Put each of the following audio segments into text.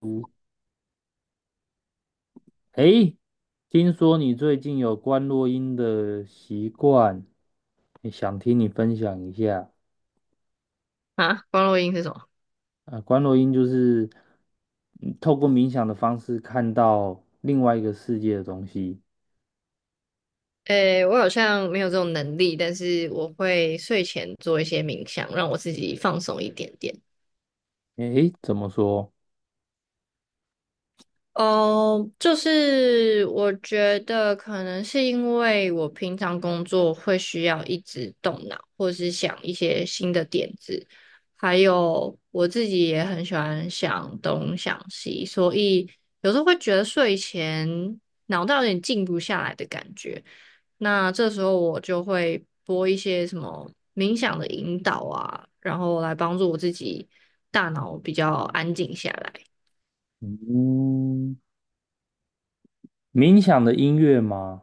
嗯，诶，听说你最近有关落音的习惯，也想听你分享一下。啊，光落音是什么？啊，观落音就是透过冥想的方式看到另外一个世界的东西。诶，我好像没有这种能力，但是我会睡前做一些冥想，让我自己放松一点点。诶，怎么说？哦，就是我觉得可能是因为我平常工作会需要一直动脑，或是想一些新的点子，还有我自己也很喜欢想东想西，所以有时候会觉得睡前脑袋有点静不下来的感觉。那这时候我就会播一些什么冥想的引导啊，然后来帮助我自己大脑比较安静下来。嗯，冥想的音乐吗？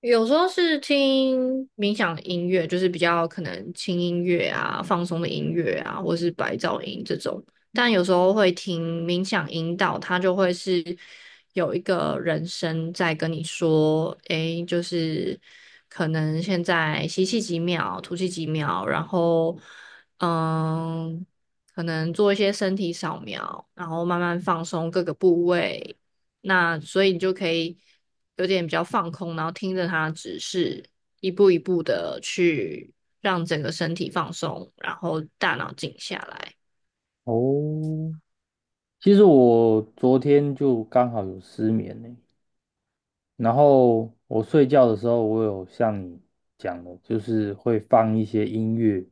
有时候是听冥想的音乐，就是比较可能轻音乐啊、放松的音乐啊，或是白噪音这种。但有时候会听冥想引导，它就会是有一个人声在跟你说，就是可能现在吸气几秒，吐气几秒，然后嗯，可能做一些身体扫描，然后慢慢放松各个部位，那所以你就可以有点比较放空，然后听着它指示，一步一步的去让整个身体放松，然后大脑静下来。哦，其实我昨天就刚好有失眠呢。然后我睡觉的时候，我有像你讲的，就是会放一些音乐，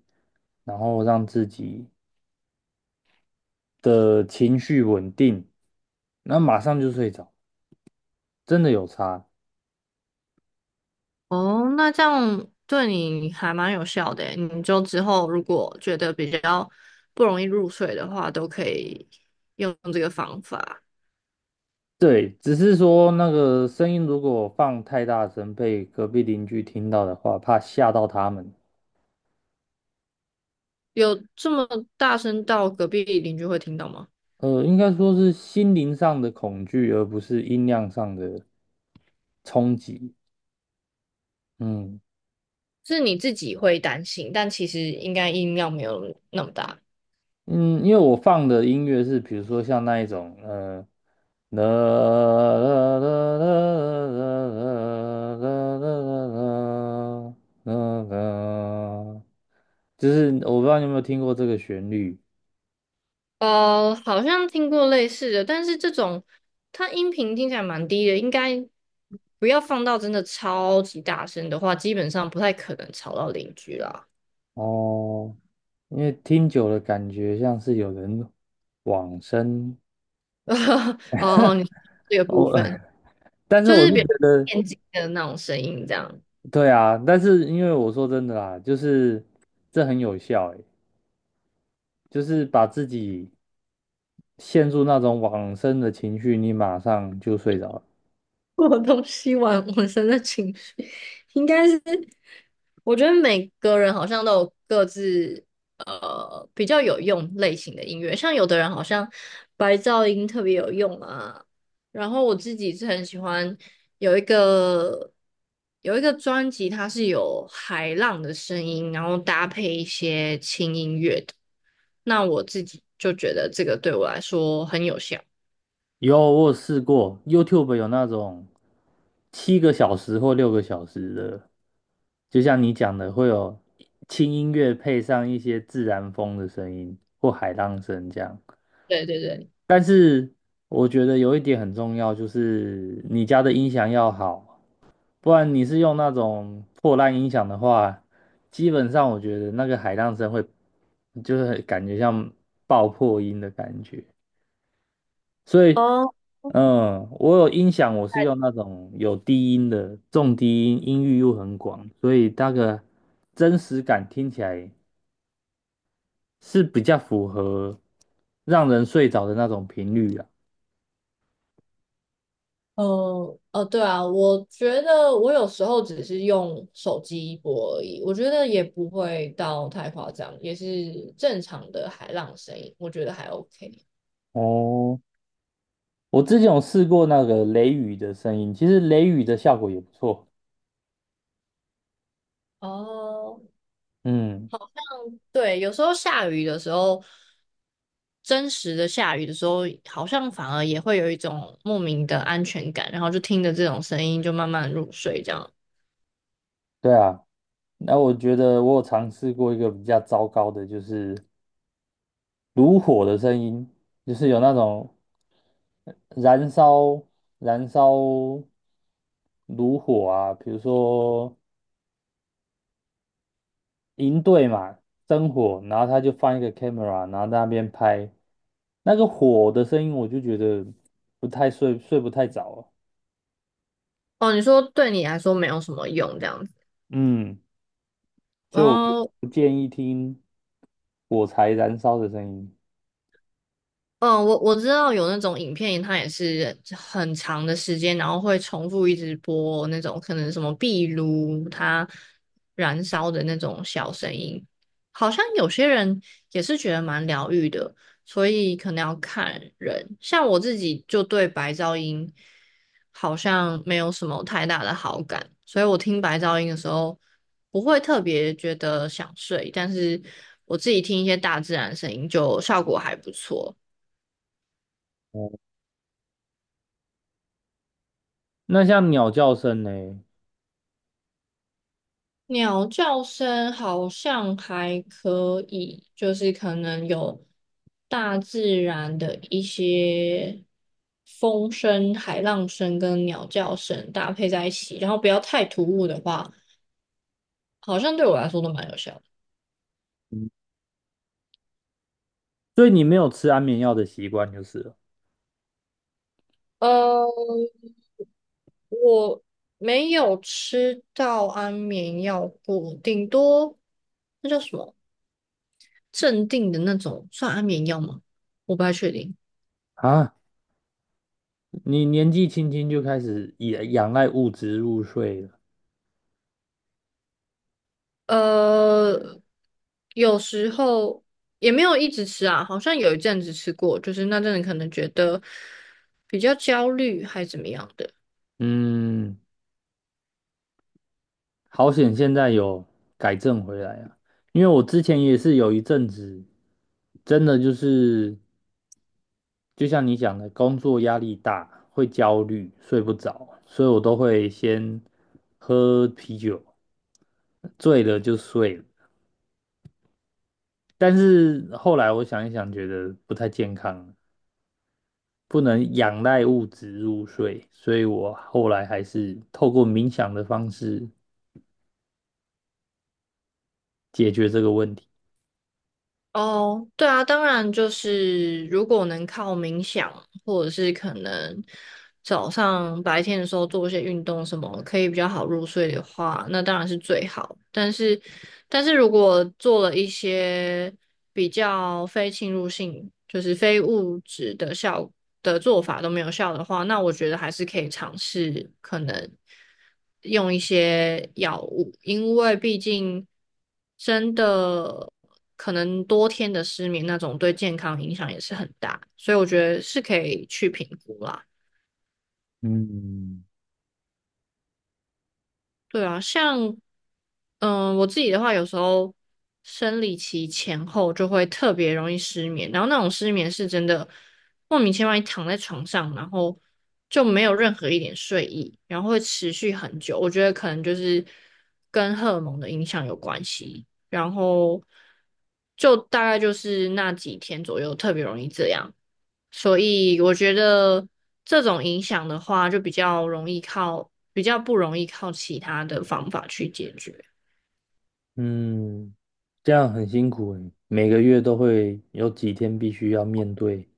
然后让自己的情绪稳定，那马上就睡着，真的有差。哦，那这样对你还蛮有效的诶你就之后如果觉得比较不容易入睡的话，都可以用这个方法。对，只是说那个声音如果放太大声，被隔壁邻居听到的话，怕吓到他们。有这么大声到隔壁邻居会听到吗？应该说是心灵上的恐惧，而不是音量上的冲击。嗯。是你自己会担心，但其实应该音量没有那么大。嗯，因为我放的音乐是，比如说像那一种，啦啦啦啦啦啦啦啦啦，就是我不知道你有没有听过这个旋律。呃，好像听过类似的，但是这种它音频听起来蛮低的，应该不要放到真的超级大声的话，基本上不太可能吵到邻居啦。哦，因为听久了感觉像是有人往生。 哦哦，你这个部哦，分 但是就我是是比觉较得，电竞的那种声音，这样。对啊，但是因为我说真的啦，就是这很有效，就是把自己陷入那种往生的情绪，你马上就睡着了。我东西玩浑身 的情绪，应该是我觉得每个人好像都有各自比较有用类型的音乐，像有的人好像白噪音特别有用啊，然后我自己是很喜欢有一个有一个专辑，它是有海浪的声音，然后搭配一些轻音乐的，那我自己就觉得这个对我来说很有效。有，我有试过，YouTube 有那种7个小时或6个小时的，就像你讲的，会有轻音乐配上一些自然风的声音或海浪声这样。对对对。我觉得有一点很重要，就是你家的音响要好，不然你是用那种破烂音响的话，基本上我觉得那个海浪声会，就是很感觉像爆破音的感觉。所以，哦我有音响，我是用那种有低音的，重低音，音域又很广，所以那个真实感听起来是比较符合让人睡着的那种频率啊。对啊，我觉得我有时候只是用手机播而已，我觉得也不会到太夸张，也是正常的海浪声音，我觉得还 OK。哦，我之前有试过那个雷雨的声音，其实雷雨的效果也不错。哦，嗯，对，有时候下雨的时候，真实的下雨的时候，好像反而也会有一种莫名的安全感，然后就听着这种声音就慢慢入睡这样。对啊。那我觉得我有尝试过一个比较糟糕的，就是炉火的声音，就是有那种燃烧燃烧炉火啊，比如说营队嘛，生火，然后他就放一个 camera，然后在那边拍那个火的声音，我就觉得不太睡不太着啊。哦，你说对你来说没有什么用这样子。嗯。所以我不哦，不建议听火柴燃烧的声音。嗯，我知道有那种影片，它也是很长的时间，然后会重复一直播那种可能什么壁炉它燃烧的那种小声音，好像有些人也是觉得蛮疗愈的，所以可能要看人。像我自己就对白噪音好像没有什么太大的好感，所以我听白噪音的时候不会特别觉得想睡，但是我自己听一些大自然声音就效果还不错。哦，那像鸟叫声呢？鸟叫声好像还可以，就是可能有大自然的一些风声、海浪声跟鸟叫声搭配在一起，然后不要太突兀的话，好像对我来说都蛮有效的。所以你没有吃安眠药的习惯就是了呃，我没有吃到安眠药过，顶多那叫什么镇定的那种，算安眠药吗？我不太确定。啊。你年纪轻轻就开始也仰赖物质入睡了。呃，有时候也没有一直吃啊，好像有一阵子吃过，就是那阵子可能觉得比较焦虑还怎么样的。嗯，好险现在有改正回来啊！因为我之前也是有一阵子，真的就是就像你讲的，工作压力大，会焦虑，睡不着，所以我都会先喝啤酒，醉了就睡了。但是后来我想一想，觉得不太健康，不能仰赖物质入睡，所以我后来还是透过冥想的方式解决这个问题。哦，对啊，当然就是如果能靠冥想，或者是可能早上白天的时候做一些运动什么，可以比较好入睡的话，那当然是最好。但是，但是如果做了一些比较非侵入性，就是非物质的效的做法都没有效的话，那我觉得还是可以尝试可能用一些药物，因为毕竟。真的可能多天的失眠那种，对健康影响也是很大，所以我觉得是可以去评估啦。嗯，对啊，像嗯，我自己的话，有时候生理期前后就会特别容易失眠，然后那种失眠是真的莫名其妙，你躺在床上，然后就没有任何一点睡意，然后会持续很久。我觉得可能就是跟荷尔蒙的影响有关系，然后就大概就是那几天左右特别容易这样。所以我觉得这种影响的话，就比较容易靠，比较不容易靠其他的方法去解决。嗯，这样很辛苦诶，每个月都会有几天必须要面对。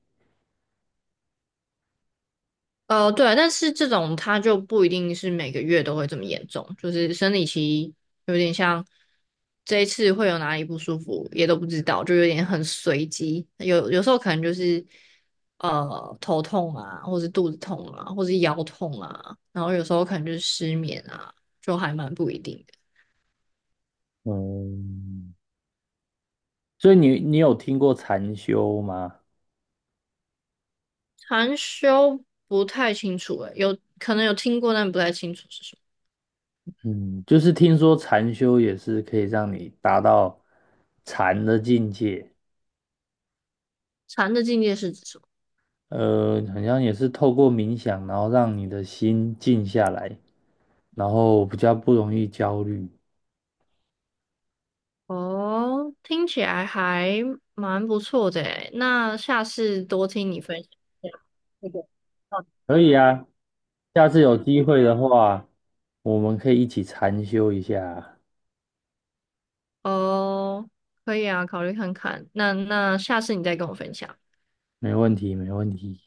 对啊，但是这种它就不一定是每个月都会这么严重，就是生理期有点像这一次会有哪里不舒服也都不知道，就有点很随机。有时候可能就是头痛啊，或是肚子痛啊，或是腰痛啊，然后有时候可能就是失眠啊，就还蛮不一定的。嗯，所以你有听过禅修吗？禅修不太清楚诶，有可能有听过，但不太清楚是什么。嗯，就是听说禅修也是可以让你达到禅的境界，禅的境界是指什么？好像也是透过冥想，然后让你的心静下来，然后比较不容易焦虑。哦，听起来还蛮不错的诶，那下次多听你分享一下那个。嗯可以啊，下次有机会的话，我们可以一起禅修一下啊，哦，可以啊，考虑看看。那下次你再跟我分享。没问题，没问题。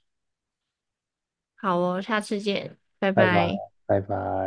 好哦，下次见，拜拜拜，拜。拜拜。